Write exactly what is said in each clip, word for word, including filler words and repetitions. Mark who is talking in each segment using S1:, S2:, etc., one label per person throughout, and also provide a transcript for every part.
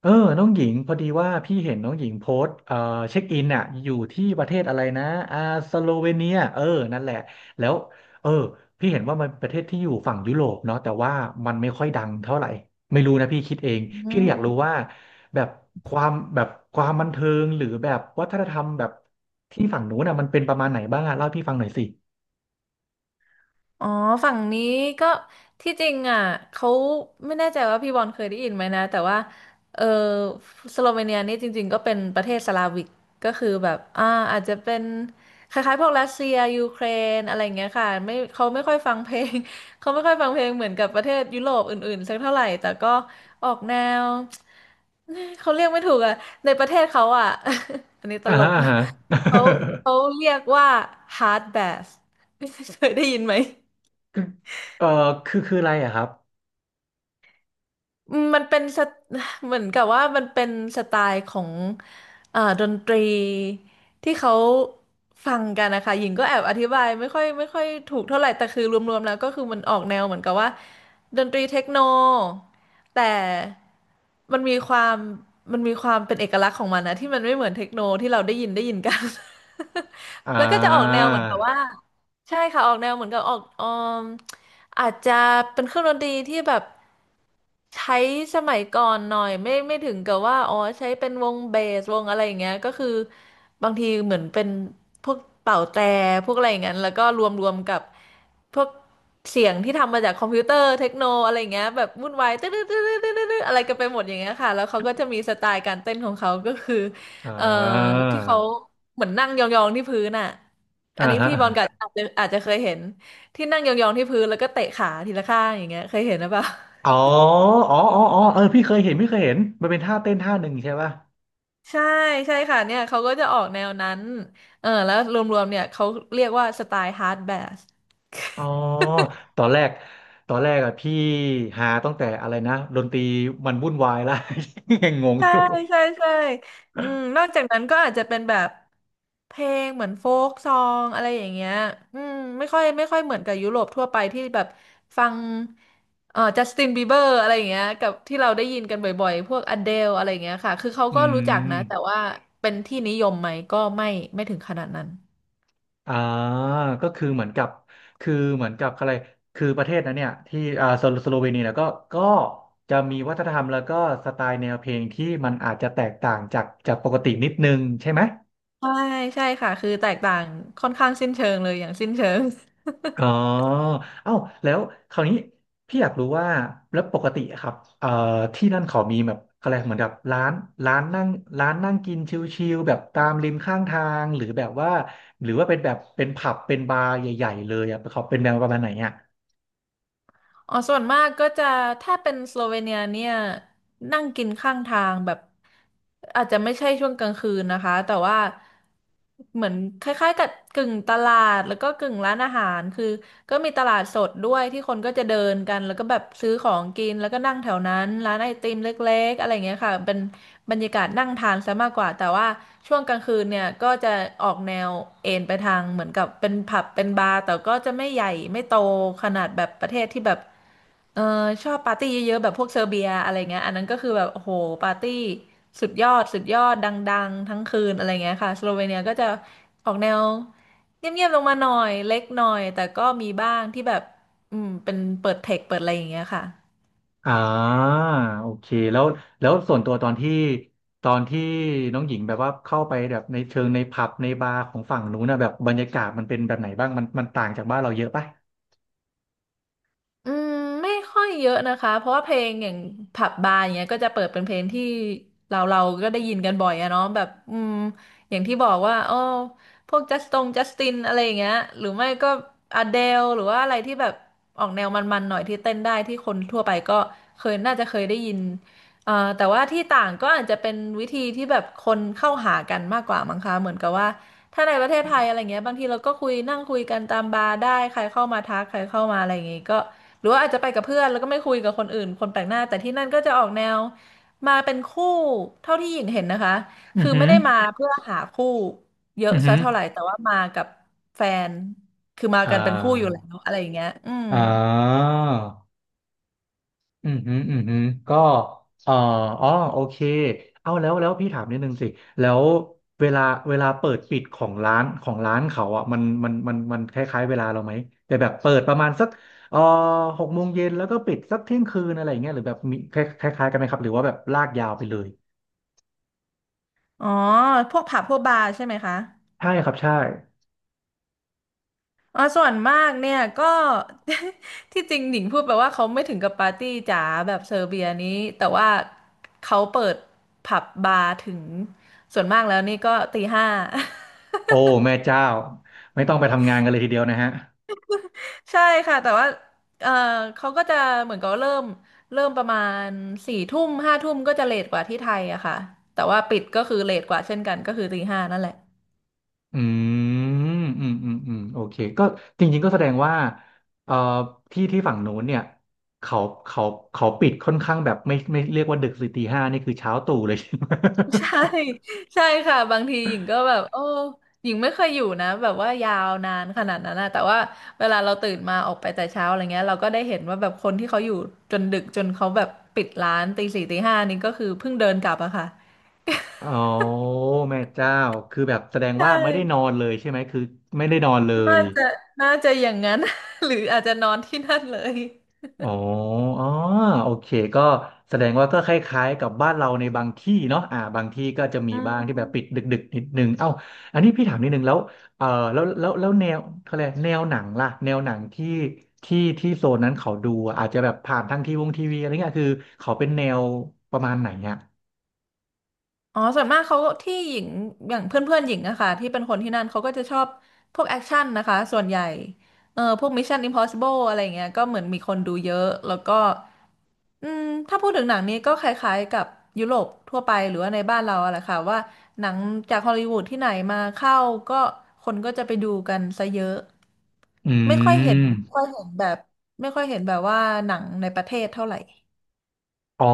S1: เออน้องหญิงพอดีว่าพี่เห็นน้องหญิงโพสต์เอ่อเช็คอินน่ะอยู่ที่ประเทศอะไรนะอ่าสโลเวเนียเออนั่นแหละแล้วเออพี่เห็นว่ามันประเทศที่อยู่ฝั่งยุโรปเนาะแต่ว่ามันไม่ค่อยดังเท่าไหร่ไม่รู้นะพี่คิดเอง
S2: อื
S1: พี่เลยอยากรู้
S2: ม
S1: ว่าแบบความแบบความบันเทิงหรือแบบวัฒนธรรมแบบที่ฝั่งนู้นน่ะมันเป็นประมาณไหนบ้างอะเล่าให้พี่ฟังหน่อยสิ
S2: อ๋อฝั่งนี้ก็ที่จริงอ่ะเขาไม่แน่ใจว่าพี่บอลเคยได้ยินไหมนะแต่ว่าเออสโลเวเนียนี่จริงๆก็เป็นประเทศสลาวิกก็คือแบบอ่าอาจจะเป็นคล้ายๆพวกรัสเซียยูเครนอะไรอย่างเงี้ยค่ะไม่เขาไม่ค่อยฟังเพลง เขาไม่ค่อยฟังเพลงเหมือนกับประเทศยุโรปอื่นๆสักเท่าไหร่แต่ก็ออกแนว เขาเรียกไม่ถูกอ่ะในประเทศเขาอ่ะ อันนี้ต
S1: อ่า
S2: ล
S1: ฮะ
S2: ก
S1: อ่าฮะ
S2: เขาเขาเรียกว่า hard bath เคยได้ยินไหม
S1: คือเออคือคืออะไรอะครับ
S2: อืมมันเป็นสไต เหมือนกับว่ามันเป็นสไตล์ของอ่าดนตรีที่เขาฟังกันนะคะหญิงก็แอบอธิบายไม่ค่อยไม่ค่อยถูกเท่าไหร่แต่คือรวมๆแล้วก็คือมันออกแนวเหมือนกับว่าดนตรีเทคโนแต่มันมีความมันมีความเป็นเอกลักษณ์ของมันนะที่มันไม่เหมือนเทคโนที่เราได้ยินได้ยินกัน
S1: อ่
S2: แล้วก็จะออกแน
S1: า
S2: วเหมือนกับว่าใช่ค่ะออกแนวเหมือนกับออกออม อาจจะเป็นเครื่องดนตรีที่แบบใช้สมัยก่อนหน่อยไม่ไม่ถึงกับว่าอ๋อใช้เป็นวงเบสวงอะไรอย่างเงี้ยก็คือบางทีเหมือนเป็นพวกเป่าแตรพวกอะไรอย่างเงี้ยแล้วก็รวมรวมกับพวกเสียงที่ทำมาจากคอมพิวเตอร์เทคโนอะไรอย่างเงี้ยแบบวุ่นวายตึ๊ดตึ๊ดตึ๊ดตึ๊ดตึ๊ดอะไรกันไปหมดอย่างเงี้ยค่ะแล้วเขาก็จะมีสไตล์การเต้นของเขาก็คือ
S1: อ่า
S2: เอ่อที่เขาเหมือนนั่งยองๆที่พื้นอ่ะ
S1: อ่า
S2: อันนี้
S1: ฮะ
S2: พี่บอลก็อาจจะอาจจะเคยเห็น ที่นั่งยองๆที่พื้นแล้วก็เตะขาทีละข้างอย่างเงี้ยเคยเห็นหรือเปล่า
S1: อ๋ออ๋ออ๋ออ๋อเออพี่เคยเห็นพี่เคยเห็น มันเป็นท่าเต้นท่าหนึ่งใช่ป่ะ
S2: ใช่ใช่ค่ะเนี่ยเขาก็จะออกแนวนั้นเออแล้วรวมๆเนี่ยเขาเรียกว่าสไตล์ฮาร์ดแบส
S1: อ๋อตอนแรกตอนแรกอะพี่หาตั้งแต่อะไรนะดนตรีมันวุ่นวายและ ยังงง
S2: ใช่
S1: อยู่
S2: ใช่ใช่อืมนอกจากนั้นก็อาจจะเป็นแบบเพลงเหมือนโฟกซองอะไรอย่างเงี้ยอืมไม่ค่อยไม่ค่อยเหมือนกับยุโรปทั่วไปที่แบบฟังเอ่อจัสตินบีเบอร์อะไรอย่างเงี้ยกับที่เราได้ยินกันบ่อยๆพวกอเดลอะไรอย่างเงี้ยค่ะคือเขา
S1: อื
S2: ก็รู้จัก
S1: ม
S2: นะแต่ว่าเป็นที่นิยมไหมก็ไม่ไม่ถึงขนาดนั้น
S1: อ่าก็คือเหมือนกับ คือเหมือนกับอะไรคือประเทศนั้นเนี่ยที่อ่าสโลสโลเวเนียเนี่ยก็ก็จะมีวัฒนธรรมแล้วก็สไตล์แนวเพลงที่มันอาจจะแตกต่างจากจากปกตินิดนึงใช่ไหม
S2: ใช่ใช่ค่ะคือแตกต่างค่อนข้างสิ้นเชิงเลยอย่างสิ้นเชิง
S1: อ๋อเอ้าแล้วคราวนี้พี่อยากรู้ว่าแล้วปกติอะครับเอ่อที่นั่นเขามีแบบอะไรเหมือนกับร้านร้านนั่งร้านนั่งกินชิลๆแบบตามริมข้างทางหรือแบบว่าหรือว่าเป็นแบบเป็นผับเป็นบาร์ใหญ่ๆเลยอะเขาเป็นแนวประมาณไหนอ่ะ
S2: อ๋อส่วนมากก็จะถ้าเป็นสโลเวเนียเนี่ยนั่งกินข้างทางแบบอาจจะไม่ใช่ช่วงกลางคืนนะคะแต่ว่าเหมือนคล้ายๆกับกึ่งตลาดแล้วก็กึ่งร้านอาหารคือก็มีตลาดสดด้วยที่คนก็จะเดินกันแล้วก็แบบซื้อของกินแล้วก็นั่งแถวนั้นร้านไอติมเล็กๆอะไรอย่างเงี้ยค่ะเป็น บรรยากาศนั่งทานซะมากกว่าแต่ว่าช่วงกลางคืนเนี่ยก็จะออกแนวเอนไปทางเหมือนกับเป็นผับเป็นบาร์แต่ก็จะไม่ใหญ่ไม่โตขนาดแบบประเทศที่แบบเออชอบปาร์ตี้เยอะๆแบบพวกเซอร์เบียอะไรเงี้ยอันนั้นก็คือแบบโอ้โหปาร์ตี้สุดยอดสุดยอดดังๆทั้งคืนอะไรเงี้ยค่ะสโลเวเนียก็จะออกแนวเงียบๆลงมาหน่อยเล็กหน่อยแต่ก็มีบ้างที่แบบอืมเป็นเปิดเทคเปิดอะไรอย่างเงี้ยค่ะ
S1: อ่าโอเคแล้วแล้วส่วนตัวตอนที่ตอนที่น้องหญิงแบบว่าเข้าไปแบบในเชิงในผับในบาร์ของฝั่งนู้นนะแบบบรรยากาศมันเป็นแบบไหนบ้างมันมันต่างจากบ้านเราเยอะปะ
S2: อืมไม่ค่อยเยอะนะคะเพราะว่าเพลงอย่างผับบาร์อย่างเงี้ยก็จะเปิดเป็นเพลงที่เราเราก็ได้ยินกันบ่อยอะเนาะแบบอืมอย่างที่บอกว่าอ้อพวกจัสตงจัสตินอะไรอย่างเงี้ยหรือไม่ก็อเดลหรือว่าอะไรที่แบบออกแนวมันๆหน่อยที่เต้นได้ที่คนทั่วไปก็เคยน่าจะเคยได้ยินเอ่อแต่ว่าที่ต่างก็อาจจะเป็นวิธีที่แบบคนเข้าหากันมากกว่ามั้งคะเหมือนกับว่าถ้าในประเทศไทยอะไรเงี้ยบางทีเราก็คุยนั่งคุยกันตามบาร์ได้ใครเข้ามาทักใครเข้ามาอะไรอย่างงี้ก็ หรือว่าอาจจะไปกับเพื่อนแล้วก็ไม่คุยกับคนอื่นคนแปลกหน้าแต่ที่นั่นก็จะออกแนวมาเป็นคู่เท่าที่หญิงเห็นนะคะ
S1: อือ
S2: คือ
S1: หื
S2: ไม่
S1: อ
S2: ได้มาเพื่อหาคู่เย
S1: อื
S2: อะ
S1: อหื
S2: ซะ
S1: อ
S2: เท่าไหร่แต่ว่ามากับแฟนคือมา
S1: อ่
S2: กันเป็นคู่อยู่แล้
S1: า
S2: วอะไรอย่างเงี้ยอืม
S1: อ่าอืมฮึอืมฮึก็เอ่ออ๋อโอเคเอาแล้วแล้วพี่ถามนิดนึงสิแล้วเวลาเวลาเปิดปิดของร้านของร้านเขาอ่ะมันมันมันมันคล้ายๆเวลาเราไหมแต่แบบเปิดประมาณสักเอ่อหกโมงเย็นแล้วก็ปิดสักเที่ยงคืนอะไรอย่างเงี้ยหรือแบบมีคล้ายๆกันไหมครับหรือว่าแบบลากยาวไปเลย
S2: อ๋อพวกผับพวกบาร์ใช่ไหมคะ
S1: ใช่ครับใช่
S2: อ๋อส่วนมากเนี่ยก็ ที่จริงหญิงพูดไปว่าเขาไม่ถึงกับปาร์ตี้จ๋าแบบเซอร์เบียนี้แต่ว่าเขาเปิดผับบาร์ถึงส่วนมากแล้วนี่ก็ตีห้า
S1: โอ้แม่เจ้าไม่ต้องไปทำงานกันเลยทีเดียวนะฮะ
S2: ใช่ค่ะแต่ว่าเออเขาก็จะเหมือนกับเริ่มเริ่มประมาณสี่ทุ่มห้าทุ่มก็จะเลทกว่าที่ไทยอะค่ะแต่ว่าปิดก็คือเลทกว่าเช่นกันก็คือตีห้านั่นแหละ
S1: อืมอืมอืมอืมโอเคก็จริงๆก็แสดงว่าเอ่อที่ที่ฝั่งโน้นเนี่ยเขาเขาเขาปิดค่อนข้างแบบไม่ไม่เรียกว่าดึกสิตีห้านี่คือเช้า ตรู่เลยใช่ไหม
S2: ใช่ใช่ค่ะบางทีหญิงก็แบบโอ้หญิงไม่เคยอยู่นะแบบว่ายาวนานขนาดนั้นนะแต่ว่าเวลาเราตื่นมาออกไปแต่เช้าอะไรเงี้ยเราก็ได้เห็นว่าแบบคนที่เขาอยู่จนดึกจนเขาแบบปิดร้านตีสี่ตีห้านี่ก็คือเพิ่งเดินกลับอะค่ะ
S1: อ๋อแม่เจ้าคือแบบแสดง
S2: ใช
S1: ว่าไม่ได้นอ
S2: ่
S1: นเลยใช่ไหม คือไม่ได้นอนเล
S2: น่า
S1: ย
S2: จะน่าจะอย่างนั้น หรืออาจจะนอนที่นั่นเลย
S1: อ๋ออ๋อโอเค ก็แสดงว่าก็คล้ายๆกับบ้านเราในบางที่เนาะอ่าบางที่ก็จะมี
S2: อื
S1: บ้างที่
S2: ม
S1: แบบปิดดึกๆนิดนึงเอ้าอันนี้พี่ถามนิดนึงแล้วเออแล้วแล้วแล้วแนวเขาเรียกแนวหนังล่ะแนวหนังที่ที่ที่โซนนั้นเขาดูอะอาจจะแบบผ่านทางทีวงทีวีอะไรเงี้ยคือเขาเป็นแนวประมาณไหนอ่ะ
S2: อ๋อส่วนมากเขาที่หญิงอย่างเพื่อนเพื่อนหญิงอะค่ะที่เป็นคนที่นั่นเขาก็จะชอบพวกแอคชั่นนะคะส่วนใหญ่เออพวก Mission Impossible อะไรเงี้ยก็เหมือนมีคนดูเยอะแล้วก็อืมถ้าพูดถึงหนังนี้ก็คล้ายๆกับยุโรปทั่วไปหรือว่าในบ้านเราอะแหละค่ะว่าหนังจากฮอลลีวูดที่ไหนมาเข้าก็คนก็จะไปดูกันซะเยอะ
S1: อื
S2: ไม่ค่อยเห็นไม่ค่
S1: ม
S2: อยเห็นแบบไม่ค่อยเห็นแบบว่าหนังในประเทศเท่าไหร่
S1: อ๋อ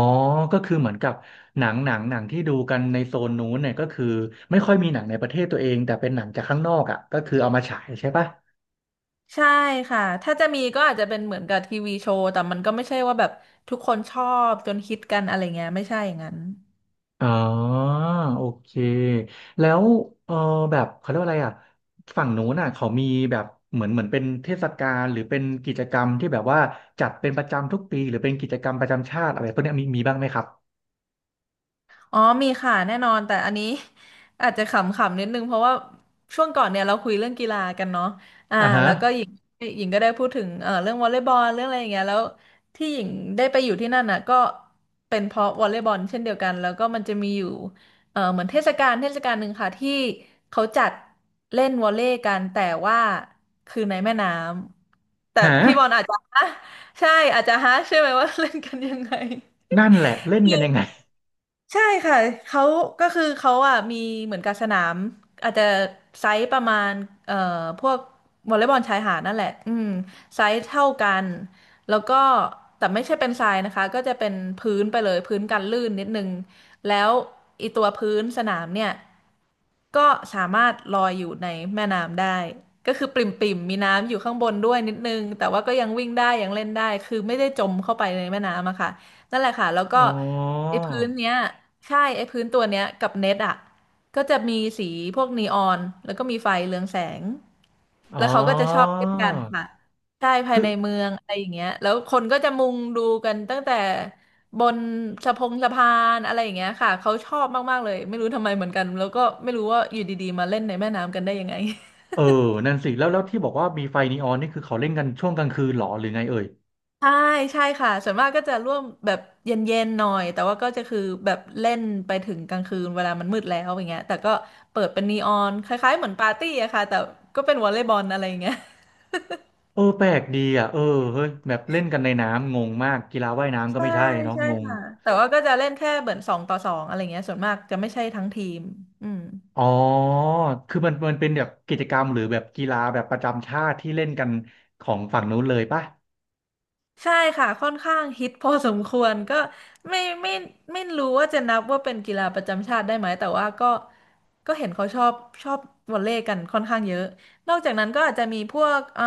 S1: ก็คือเหมือนกับหนังหนังหนังที่ดูกันในโซนนู้นเนี่ยก็คือไม่ค่อยมีหนังในประเทศตัวเองแต่เป็นหนังจากข้างนอกอ่ะก็คือเอามาฉายใช่ปะ
S2: ใช่ค่ะถ้าจะมีก็อาจจะเป็นเหมือนกับทีวีโชว์แต่มันก็ไม่ใช่ว่าแบบทุกคนชอบจนฮิตกันอะไรเงี้ยไม่ใช่อย่างนั้น
S1: อ๋อโอเคแล้วเออแบบเขาเรียกว่าอะไรอ่ะฝั่งนู้นน่ะเขามีแบบเหมือนเหมือนเป็นเทศกาลหรือเป็นกิจกรรมที่แบบว่าจัดเป็นประจำทุกปีหรือเป็นกิจกรรมประจำชาติอะไรพวกเนี้ยมีมีบ้างไหมครับ
S2: อ๋อมีค่ะแน่นอนแต่อันนี้ อาจจะขำๆนิดนึงเพราะว่าช่วงก่อนเนี่ยเราคุยเรื่องกีฬากันเนาะอ่า
S1: อ่าฮะ
S2: แล้วก็หญิงหญิงก็ได้พูดถึงเอ่อเรื่องวอลเลย์บอลเรื่องอะไรอย่างเงี้ยแล้วที่หญิงได้ไปอยู่ที่นั่นน่ะก็เป็นเพราะวอลเลย์บอลเช่นเดียวกันแล้วก็มันจะมีอยู่เอ่อเหมือนเทศกาลเทศกาลหนึ่งค่ะที่เขาจัดเล่นวอลเลย์กันแต่ว่าคือในแม่น้ำแต่
S1: ฮะ
S2: พี่บอลอาจจะ ฮะใช่อาจจะฮะใช่ไหมว่า เล่นกันยังไง
S1: นั่นแหละเล่นกันยังไง
S2: ใช่ค่ะเขาก็คือเขาอ่ะมีเหมือนกับสนามอาจจะไซส์ประมาณเอ่อพวกวอลเลย์บอลชายหาดนั่นแหละอืมไซส์เท่ากันแล้วก็แต่ไม่ใช่เป็นทรายนะคะก็จะเป็นพื้นไปเลยพื้นกันลื่นนิดนึงแล้วอีตัวพื้นสนามเนี่ยก็สามารถลอยอยู่ในแม่น้ำได้ก็คือปริ่มๆมีน้ำอยู่ข้างบนด้วยนิดนึงแต่ว่าก็ยังวิ่งได้ยังเล่นได้คือไม่ได้จมเข้าไปในแม่น้ำอะค่ะ นั่นแหละค่ะแล้วก็
S1: อ๋อ
S2: ไอ้พื้นเนี้ยใช่ไอ้พื้นตัวเนี้ยกับเน็ตอ่ะก็จะมีสีพวกนีออนแล้วก็มีไฟเรืองแสง
S1: อ๋อ
S2: แล้วเขาก็จะชอบเล่นกันค่ะใช่ภาย
S1: คือ
S2: ในเมืองอะไรอย่างเงี้ยแล้วคนก็จะมุงดูกันตั้งแต่บนสะพงสะพานอะไรอย่างเงี้ยค่ะเขาชอบมากๆเลย ไม่รู้ทำไมเหมือนกันแล้วก็ไม่รู้ว่าอยู่ดีๆมาเล่นในแม่น้ำกันได้ยังไง
S1: เออนั่นสิแล้วแล้วที่บอกว่ามีไฟนีออนนี่คือเขาเล่นกันช่วงกลางคืนเหรอหรือไงเอ่ย
S2: ใช่ใช่ค่ะส่วนมากก็จะร่วมแบบเย็นๆหน่อยแต่ว่าก็จะคือแบบเล่นไปถึงกลางคืนเวลามันมืดแล้วอย่างเงี้ยแต่ก็เปิดเป็นนีออนคล้ายๆเหมือนปาร์ตี้อะค่ะแต่ก็เป็นวอลเลย์บอลอะไรอย่างเงี้ย
S1: เออแปลกดีอ่ะเออเฮ้ยแบบเล่นกันในน้ำงงมากกีฬาว่ายน้ำก็
S2: ใช่
S1: ไม่ใช่เนาะ
S2: ใช่
S1: งง
S2: ค่ะแต่ว่าก็จะเล่นแค่เหมือนสองต่อสองอะไรเงี้ยส่วนมากจะไม่ใช่ทั้งทีมอืม
S1: อ๋อคือมันมันเป็นแบบกิจกรรมหรือแบบกีฬาแบบประจำชาติที่เล่นกันของฝั่งนู้นเลยป่ะ
S2: ใช่ค่ะค่อนข้างฮิตพอสมควรก็ไม่ไม่ไม่รู้ว่าจะนับว่าเป็นกีฬาประจำชาติได้ไหมแต่ว่าก็ก็เห็นเขาชอบชอบวอลเลย์กันค่อนข้างเยอะนอกจากนั้นก็อาจจะมีพวกเอ่อ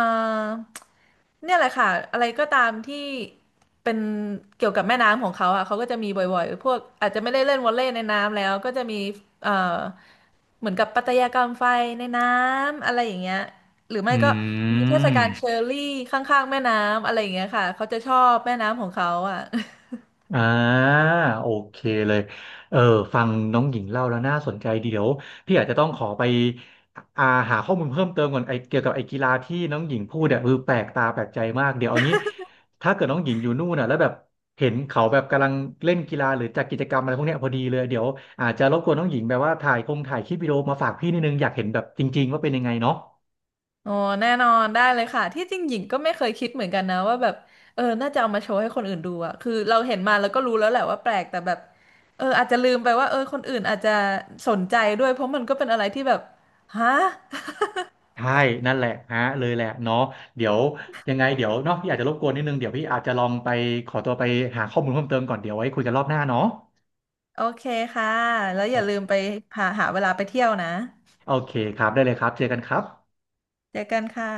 S2: เนี่ยแหละค่ะอะไรก็ตามที่เป็นเกี่ยวกับแม่น้ำของเขาอ่ะเขาก็จะมีบ่อยๆพวกอาจจะไม่ได้เล่นวอลเลย์ในน้ำแล้วก็จะมีเอ่อเหมือนกับปัตยากรรมไฟในน้ำอะไรอย่างเงี้ย หรือไม่
S1: อื
S2: ก็มีเทศ
S1: ม
S2: กาลเชอร์รี่ข้างๆแม่น้ำอะไรอย่างเงี้ยค่ะเขาจะชอบแม่น้ำของเขาอ่ะ
S1: อ่าโอเคเลยเออฟังน้องหญิงเล่าแล้วน่าสนใจดีเดี๋ยวพี่อาจจะต้องขอไปอ่าหาข้อมูลเพิ่มเติมก่อนไอเกี่ยวกับไอกีฬาที่น้องหญิงพูดเนี่ยคือแปลกตาแปลกใจมากเดี๋ยวเอางี้ถ้าเกิดน้องหญิงอยู่นู่นน่ะแล้วแบบเห็นเขาแบบกำลังเล่นกีฬาหรือจัดกิจกรรมอะไรพวกเนี้ยพอดีเลยเดี๋ยวอาจจะรบกวนน้องหญิงแบบว่าถ่ายคงถ่ายคลิปวิดีโอมาฝากพี่นิดนึงอยากเห็นแบบจริงๆว่าเป็นยังไงเนาะ
S2: โอ้แน่นอนได้เลยค่ะที่จริงหญิงก็ไม่เคยคิดเหมือนกันนะว่าแบบเออน่าจะเอามาโชว์ให้คนอื่นดูอ่ะคือเราเห็นมาแล้วก็รู้แล้วแหละว่าแปลกแต่แบบเอออาจจะลืมไปว่าเออคนอื่นอาจจะสนใจด้วยเพราะมันก็เป็นอะไรที่แบบฮะ
S1: ใช่นั่นแหละฮะเลยแหละเนาะเดี๋ยวยังไงเดี๋ยวเนาะพี่อาจจะรบกวนนิดนึงเดี๋ยวพี่อาจจะลองไปขอตัวไปหาข้อมูลเพิ่มเติมก่อนเดี๋ยวไว้คุยกันรอบหน้าเนาะ
S2: โอเคค่ะแล้วอ
S1: โอ
S2: ย่าลืม
S1: เค
S2: ไปหาหาเวลาไปเที่ยวนะ
S1: โอเคครับได้เลยครับเจอกันครับ
S2: เจอกันค่ะ